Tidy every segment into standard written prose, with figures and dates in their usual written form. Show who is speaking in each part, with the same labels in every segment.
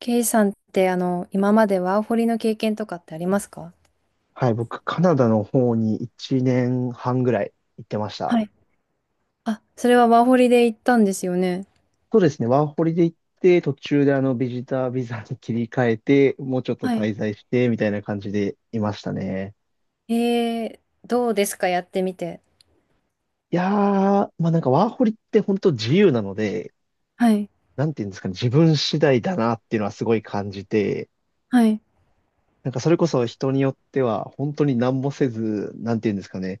Speaker 1: ケイさんって、今までワーホリの経験とかってありますか？
Speaker 2: はい、僕、カナダの方に1年半ぐらい行ってました。
Speaker 1: はい。あ、それはワーホリで行ったんですよね。
Speaker 2: そうですね、ワーホリで行って、途中でビジタービザに切り替えて、もうちょっと
Speaker 1: はい。
Speaker 2: 滞在して、みたいな感じでいましたね。
Speaker 1: えー、どうですかやってみて。
Speaker 2: いやー、まあなんかワーホリって本当自由なので、
Speaker 1: はい、
Speaker 2: なんていうんですかね、自分次第だなっていうのはすごい感じて、
Speaker 1: はい。
Speaker 2: なんかそれこそ人によっては本当に何もせず、なんていうんですかね、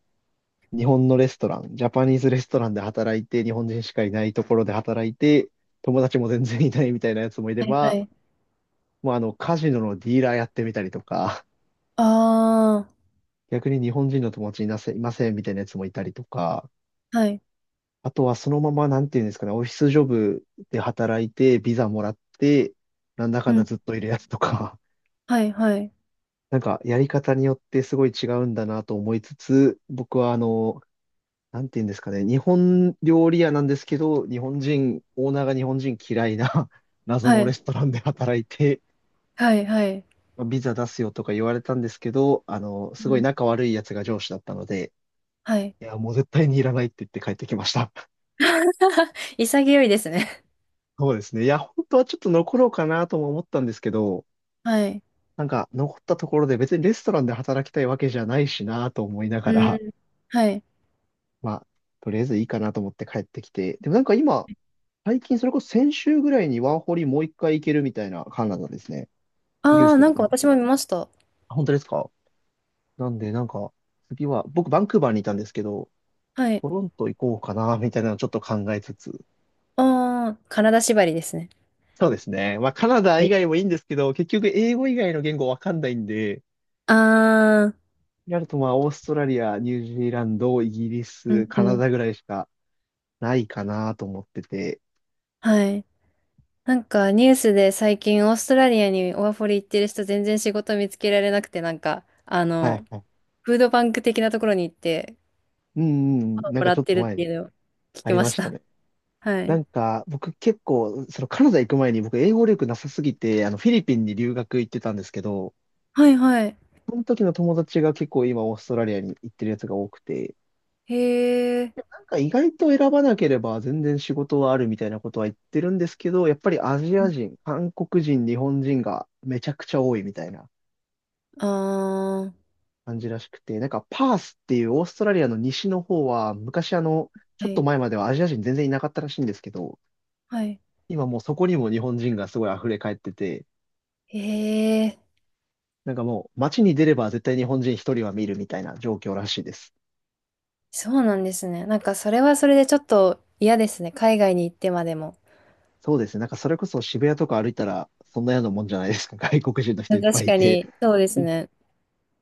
Speaker 2: 日本のレストラン、ジャパニーズレストランで働いて、日本人しかいないところで働いて、友達も全然いないみたいなやつもいれ
Speaker 1: はい、は
Speaker 2: ば、
Speaker 1: い。
Speaker 2: もうカジノのディーラーやってみたりとか、
Speaker 1: あ
Speaker 2: 逆に日本人の友達いませんみたいなやつもいたりとか、
Speaker 1: ー、はい。
Speaker 2: あとはそのまま、なんていうんですかね、オフィスジョブで働いて、ビザもらって、なんだか
Speaker 1: う
Speaker 2: んだ
Speaker 1: ん。
Speaker 2: ずっといるやつとか、
Speaker 1: はい、はい。
Speaker 2: なんかやり方によってすごい違うんだなと思いつつ、僕はなんて言うんですかね、日本料理屋なんですけど、日本人、オーナーが日本人嫌いな 謎
Speaker 1: は
Speaker 2: のレ
Speaker 1: い、
Speaker 2: ストランで働いて、
Speaker 1: はい。はい。
Speaker 2: まあビザ出すよとか言われたんですけど、す
Speaker 1: う
Speaker 2: ごい
Speaker 1: ん、
Speaker 2: 仲悪いやつが上司だったので、
Speaker 1: はい。
Speaker 2: いや、もう絶対にいらないって言って帰ってきました。
Speaker 1: 潔いですね。
Speaker 2: そうですね。いや、本当はちょっと残ろうかなとも思ったんですけど、
Speaker 1: はい。
Speaker 2: なんか残ったところで別にレストランで働きたいわけじゃないしなと思いなが
Speaker 1: う
Speaker 2: ら、
Speaker 1: ん。はい。
Speaker 2: まあ、とりあえずいいかなと思って帰ってきて、でもなんか今、最近、それこそ先週ぐらいにワーホリもう一回行けるみたいなカナダですね。ニュー
Speaker 1: あー、
Speaker 2: ス
Speaker 1: な
Speaker 2: が
Speaker 1: んか
Speaker 2: 出て。
Speaker 1: 私も見ました。
Speaker 2: あ、本当ですか？なんで、なんか、次は、僕、バンクーバーにいたんですけど、
Speaker 1: はい。
Speaker 2: トロント行こうかな、みたいなのをちょっと考えつつ。
Speaker 1: あー、体縛りですね。
Speaker 2: そうですね。まあ、カナダ以
Speaker 1: で、
Speaker 2: 外もいいんですけど、結局、英語以外の言語わかんないんで、
Speaker 1: あー、
Speaker 2: やると、まあ、オーストラリア、ニュージーランド、イギリ
Speaker 1: う
Speaker 2: ス、
Speaker 1: ん、う
Speaker 2: カナ
Speaker 1: ん。
Speaker 2: ダぐらいしかないかなと思ってて。
Speaker 1: はい。なんかニュースで最近オーストラリアにワーホリ行ってる人全然仕事見つけられなくて、
Speaker 2: はいはい。
Speaker 1: フードバンク的なところに行って
Speaker 2: うんうんうん。なん
Speaker 1: も
Speaker 2: か
Speaker 1: ら
Speaker 2: ちょ
Speaker 1: っ
Speaker 2: っ
Speaker 1: て
Speaker 2: と
Speaker 1: るっ
Speaker 2: 前
Speaker 1: てい
Speaker 2: に
Speaker 1: うのを聞
Speaker 2: あ
Speaker 1: き
Speaker 2: り
Speaker 1: ま
Speaker 2: ま
Speaker 1: し
Speaker 2: した
Speaker 1: た。
Speaker 2: ね。
Speaker 1: は
Speaker 2: な
Speaker 1: い。
Speaker 2: んか、僕結構、そのカナダ行く前に僕英語力なさすぎて、フィリピンに留学行ってたんですけど、
Speaker 1: はいはい。
Speaker 2: その時の友達が結構今オーストラリアに行ってるやつが多くて、
Speaker 1: へえ。
Speaker 2: でもなんか意外と選ばなければ全然仕事はあるみたいなことは言ってるんですけど、やっぱりアジア人、韓国人、日本人がめちゃくちゃ多いみたいな
Speaker 1: ああ、
Speaker 2: 感じらしくて、なんかパースっていうオーストラリアの西の方は、昔ち
Speaker 1: は
Speaker 2: ょっと
Speaker 1: い。
Speaker 2: 前まではアジア人全然いなかったらしいんですけど、
Speaker 1: はい。
Speaker 2: 今もうそこにも日本人がすごい溢れ返ってて、
Speaker 1: へえ、あー、はいはい、へえ。
Speaker 2: なんかもう街に出れば絶対日本人一人は見るみたいな状況らしいです。
Speaker 1: そうなんですね。なんかそれはそれでちょっと嫌ですね。海外に行ってまでも。
Speaker 2: そうですね。なんかそれこそ渋谷とか歩いたらそんなようなもんじゃないですか。外国人の人いっぱ
Speaker 1: 確
Speaker 2: いい
Speaker 1: か
Speaker 2: て。
Speaker 1: に、そうです
Speaker 2: に
Speaker 1: ね。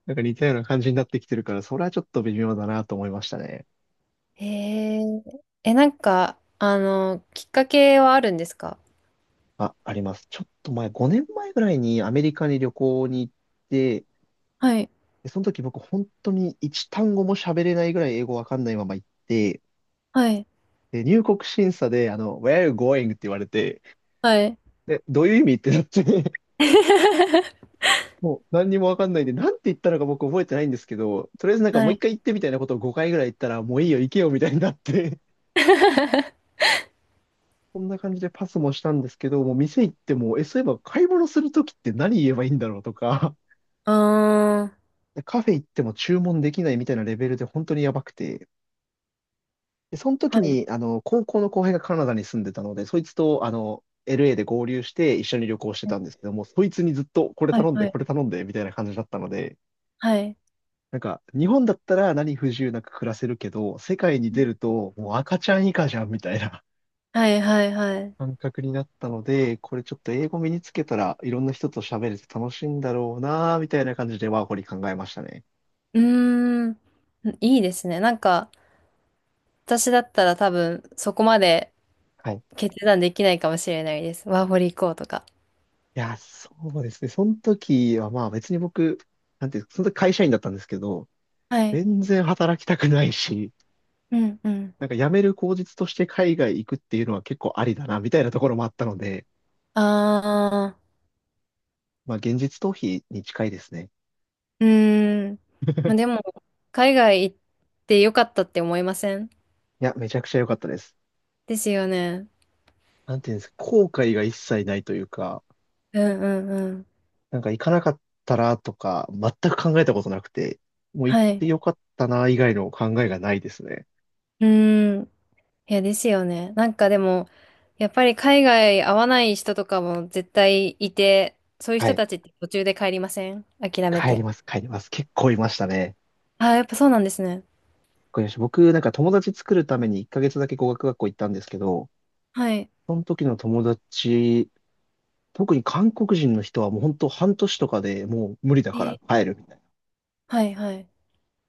Speaker 2: なんか似たような感じになってきてるから、それはちょっと微妙だなと思いましたね。
Speaker 1: へえ。え、なんか、きっかけはあるんですか？
Speaker 2: あ、あります。ちょっと前、5年前ぐらいにアメリカに旅行に行って、
Speaker 1: はい。
Speaker 2: でその時僕本当に一単語も喋れないぐらい英語わかんないまま行って、
Speaker 1: はい
Speaker 2: で、入国審査で、Where are you going? って言われて、
Speaker 1: はい。
Speaker 2: で、どういう意味ってなって もう何にもわかんないんで、なんて言ったのか僕覚えてないんですけど、とりあえずなんかも
Speaker 1: は
Speaker 2: う一
Speaker 1: い。
Speaker 2: 回言ってみたいなことを5回ぐらい言ったら、もういいよ、行けよみたいになって、そんな感じでパスもしたんですけど、もう店行っても、え、そういえば買い物するときって何言えばいいんだろうとか、
Speaker 1: ああ。
Speaker 2: カフェ行っても注文できないみたいなレベルで本当にやばくて、で、その
Speaker 1: は
Speaker 2: 時
Speaker 1: い。
Speaker 2: に、高校の後輩がカナダに住んでたので、そいつと、LA で合流して一緒に旅行してたんですけども、そいつにずっとこれ
Speaker 1: はい、
Speaker 2: 頼んで、
Speaker 1: はい、
Speaker 2: これ頼んで、みたいな感じだったので、
Speaker 1: はい。
Speaker 2: なんか、日本だったら何不自由なく暮らせるけど、世界に出るともう赤ちゃん以下じゃんみたいな
Speaker 1: はい、はい、はい。
Speaker 2: 感覚になったので、これちょっと英語身につけたらいろんな人と喋れて楽しいんだろうなーみたいな感じでワーホリ考えましたね。
Speaker 1: うーん、いいですね。なんか、私だったら多分、そこまで
Speaker 2: はい。い
Speaker 1: 決断できないかもしれないです。ワーホリ行こうとか。
Speaker 2: や、そうですね。その時はまあ別に僕、なんていうか、その時会社員だったんですけど、
Speaker 1: はい。
Speaker 2: 全然働きたくないし、
Speaker 1: うん、うん。
Speaker 2: なんか辞める口実として海外行くっていうのは結構ありだなみたいなところもあったので、
Speaker 1: ああ。
Speaker 2: まあ現実逃避に近いですね。
Speaker 1: うーん。まあ、でも、海外行ってよかったって思いません？
Speaker 2: いや、めちゃくちゃ良かったです。
Speaker 1: ですよね。
Speaker 2: なんていうんですか、後悔が一切ないというか、
Speaker 1: うん、うん、うん。
Speaker 2: なんか行かなかったらとか、全く考えたことなくて、もう行っ
Speaker 1: はい。
Speaker 2: て
Speaker 1: う
Speaker 2: よかったな、以外の考えがないですね。
Speaker 1: ーん。いや、ですよね。なんかでも、やっぱり海外合わない人とかも絶対いて、そういう
Speaker 2: は
Speaker 1: 人
Speaker 2: い。
Speaker 1: たちって途中で帰りません？諦め
Speaker 2: 帰り
Speaker 1: て。
Speaker 2: ます、帰ります。結構いましたね。
Speaker 1: あ、やっぱそうなんですね。
Speaker 2: これ僕、なんか友達作るために1ヶ月だけ語学学校行ったんですけど、
Speaker 1: はい。
Speaker 2: その時の友達、特に韓国人の人はもう本当半年とかでもう無理だ
Speaker 1: え
Speaker 2: から
Speaker 1: ー、
Speaker 2: 帰るみたいな。
Speaker 1: はいはい。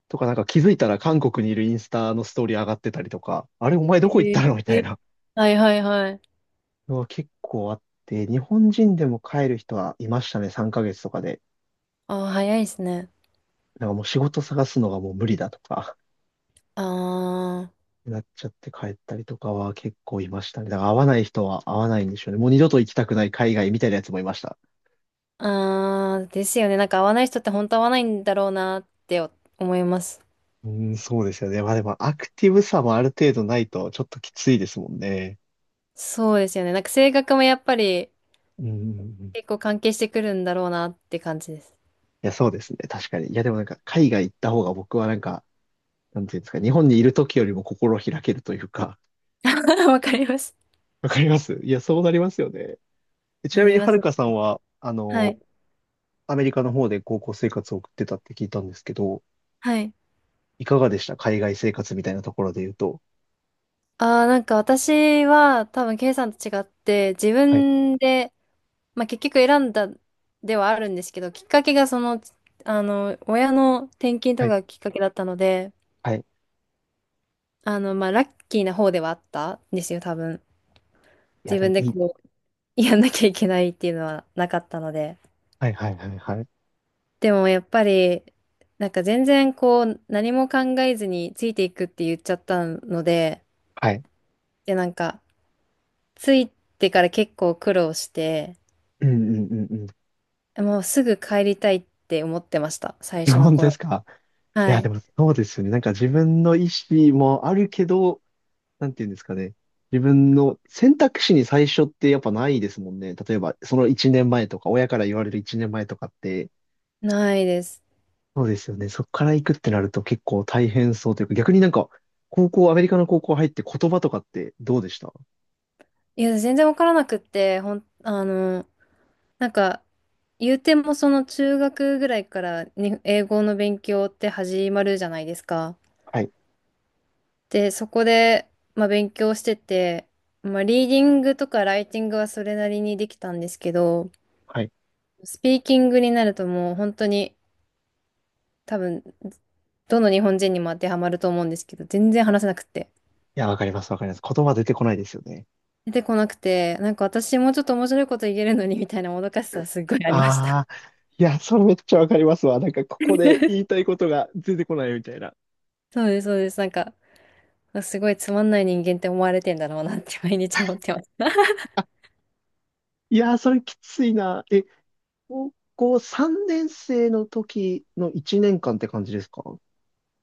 Speaker 2: とかなんか気づいたら韓国にいるインスタのストーリー上がってたりとか、あれお前どこ行っ
Speaker 1: え
Speaker 2: たのみたい
Speaker 1: ー、
Speaker 2: な。
Speaker 1: はいはいはい。
Speaker 2: は結構あって、日本人でも帰る人はいましたね、3ヶ月とかで。
Speaker 1: あ、早いですね。
Speaker 2: なんかもう仕事探すのがもう無理だとか、
Speaker 1: あー。
Speaker 2: なっちゃって帰ったりとかは結構いましたね。だから会わない人は会わないんでしょうね。もう二度と行きたくない海外みたいなやつもいました。
Speaker 1: あー、ですよね。なんか合わない人って本当合わないんだろうなって思います。
Speaker 2: うーん、そうですよね。まあでもアクティブさもある程度ないとちょっときついですもんね。
Speaker 1: そうですよね。なんか性格もやっぱり
Speaker 2: うんうんうん。い
Speaker 1: 結構関係してくるんだろうなって感じです。
Speaker 2: や、そうですね。確かに。いや、でもなんか海外行った方が僕はなんか、なんていうんですか、日本にいる時よりも心開けるというか、
Speaker 1: わかります。
Speaker 2: わかります。いや、そうなりますよね。ち
Speaker 1: な
Speaker 2: なみ
Speaker 1: り
Speaker 2: に、
Speaker 1: ま
Speaker 2: はるか
Speaker 1: す。
Speaker 2: さんは、
Speaker 1: はい。
Speaker 2: アメリカの方で高校生活を送ってたって聞いたんですけど、
Speaker 1: はい。
Speaker 2: いかがでした？海外生活みたいなところで言うと。
Speaker 1: ああ、なんか私は多分 K さんと違って自
Speaker 2: はい、
Speaker 1: 分で、まあ、結局選んだではあるんですけど、きっかけがその、親の転勤と
Speaker 2: は
Speaker 1: か
Speaker 2: い、
Speaker 1: がきっかけだったので、
Speaker 2: はい。い
Speaker 1: まあ、ラッキーな方ではあったんですよ、多分。
Speaker 2: や、
Speaker 1: 自
Speaker 2: でも
Speaker 1: 分で
Speaker 2: いい。
Speaker 1: こう、やんなきゃいけないっていうのはなかったので。
Speaker 2: はい、はい、はい、はい。
Speaker 1: でもやっぱり、なんか全然こう、何も考えずについていくって言っちゃったので、
Speaker 2: はい。
Speaker 1: で、なんか、ついてから結構苦労して、
Speaker 2: うん、うん、うん、うん。
Speaker 1: もうすぐ帰りたいって思ってました、最
Speaker 2: 日
Speaker 1: 初の
Speaker 2: 本です
Speaker 1: 頃。
Speaker 2: か？い
Speaker 1: は
Speaker 2: や、
Speaker 1: い。
Speaker 2: でもそうですよね。なんか自分の意思もあるけど、なんていうんですかね。自分の選択肢に最初ってやっぱないですもんね。例えば、その1年前とか、親から言われる1年前とかって、
Speaker 1: ないです。
Speaker 2: そうですよね。そこから行くってなると結構大変そうというか、逆になんか、高校、アメリカの高校入って言葉とかってどうでした？
Speaker 1: いや、全然わからなくって、なんか、言うてもその中学ぐらいからに英語の勉強って始まるじゃないですか。
Speaker 2: はい。
Speaker 1: で、そこで、まあ、勉強してて、まあ、リーディングとかライティングはそれなりにできたんですけど、
Speaker 2: はい。い
Speaker 1: スピーキングになるともう本当に多分、どの日本人にも当てはまると思うんですけど、全然話せなくって。
Speaker 2: や、わかります、わかります。言葉出てこないですよね。
Speaker 1: 出てこなくて、なんか私もうちょっと面白いこと言えるのにみたいなもどかしさはすっごいありました。
Speaker 2: ああ、いや、それめっちゃわかりますわ。なんか、ここで言いた いことが出てこないみたいな。
Speaker 1: そうです、そうです。なんか、すごいつまんない人間って思われてんだろうなって毎日思ってます。
Speaker 2: いやー、それきついな。え、高校3年生の時の1年間って感じですか？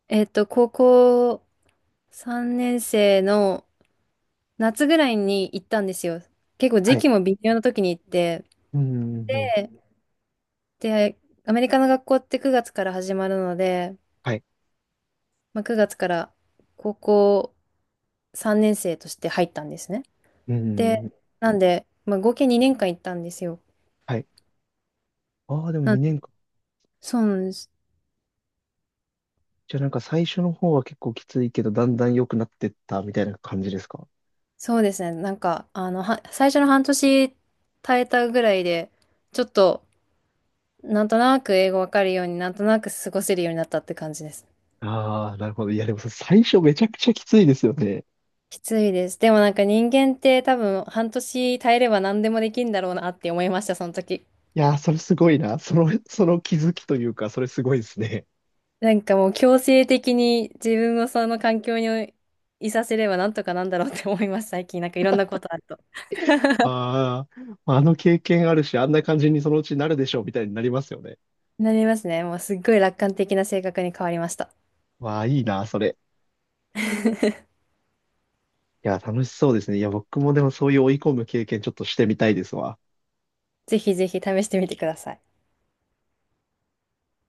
Speaker 1: えっと、高校3年生の夏ぐらいに行ったんですよ。結構
Speaker 2: は
Speaker 1: 時
Speaker 2: い。
Speaker 1: 期も微妙な時に行って、
Speaker 2: うん、うん、うん。
Speaker 1: で、アメリカの学校って9月から始まるので、
Speaker 2: はい。
Speaker 1: まあ、9月から高校3年生として入ったんですね。
Speaker 2: うん、う
Speaker 1: で、
Speaker 2: んうん。
Speaker 1: なんで、まあ、合計2年間行ったんですよ。
Speaker 2: はい。ああ、でも2年。
Speaker 1: そうなんです。
Speaker 2: じゃあなんか最初の方は結構きついけど、だんだん良くなってったみたいな感じですか？
Speaker 1: そうですね。なんか、最初の半年耐えたぐらいで、ちょっと、なんとなく英語わかるように、なんとなく過ごせるようになったって感じです。
Speaker 2: ああー、なるほど。いや、でもさ、最初めちゃくちゃきついですよね。
Speaker 1: きついです。でもなんか人間って多分半年耐えれば何でもできるんだろうなって思いました、その時。
Speaker 2: いやー、それすごいな。その気づきというか、それすごいですね。
Speaker 1: なんかもう強制的に自分をその環境にいさせればなんとかなんだろうって思います、最近。なんかいろんなことあると。
Speaker 2: ああ、あの経験あるし、あんな感じにそのうちなるでしょう、みたいになりますよね。
Speaker 1: なりますね。もうすっごい楽観的な性格に変わりました。
Speaker 2: わあ、いいな、それ。いや、楽しそうですね。いや、僕もでもそういう追い込む経験ちょっとしてみたいですわ。
Speaker 1: ぜひぜひ試してみてください。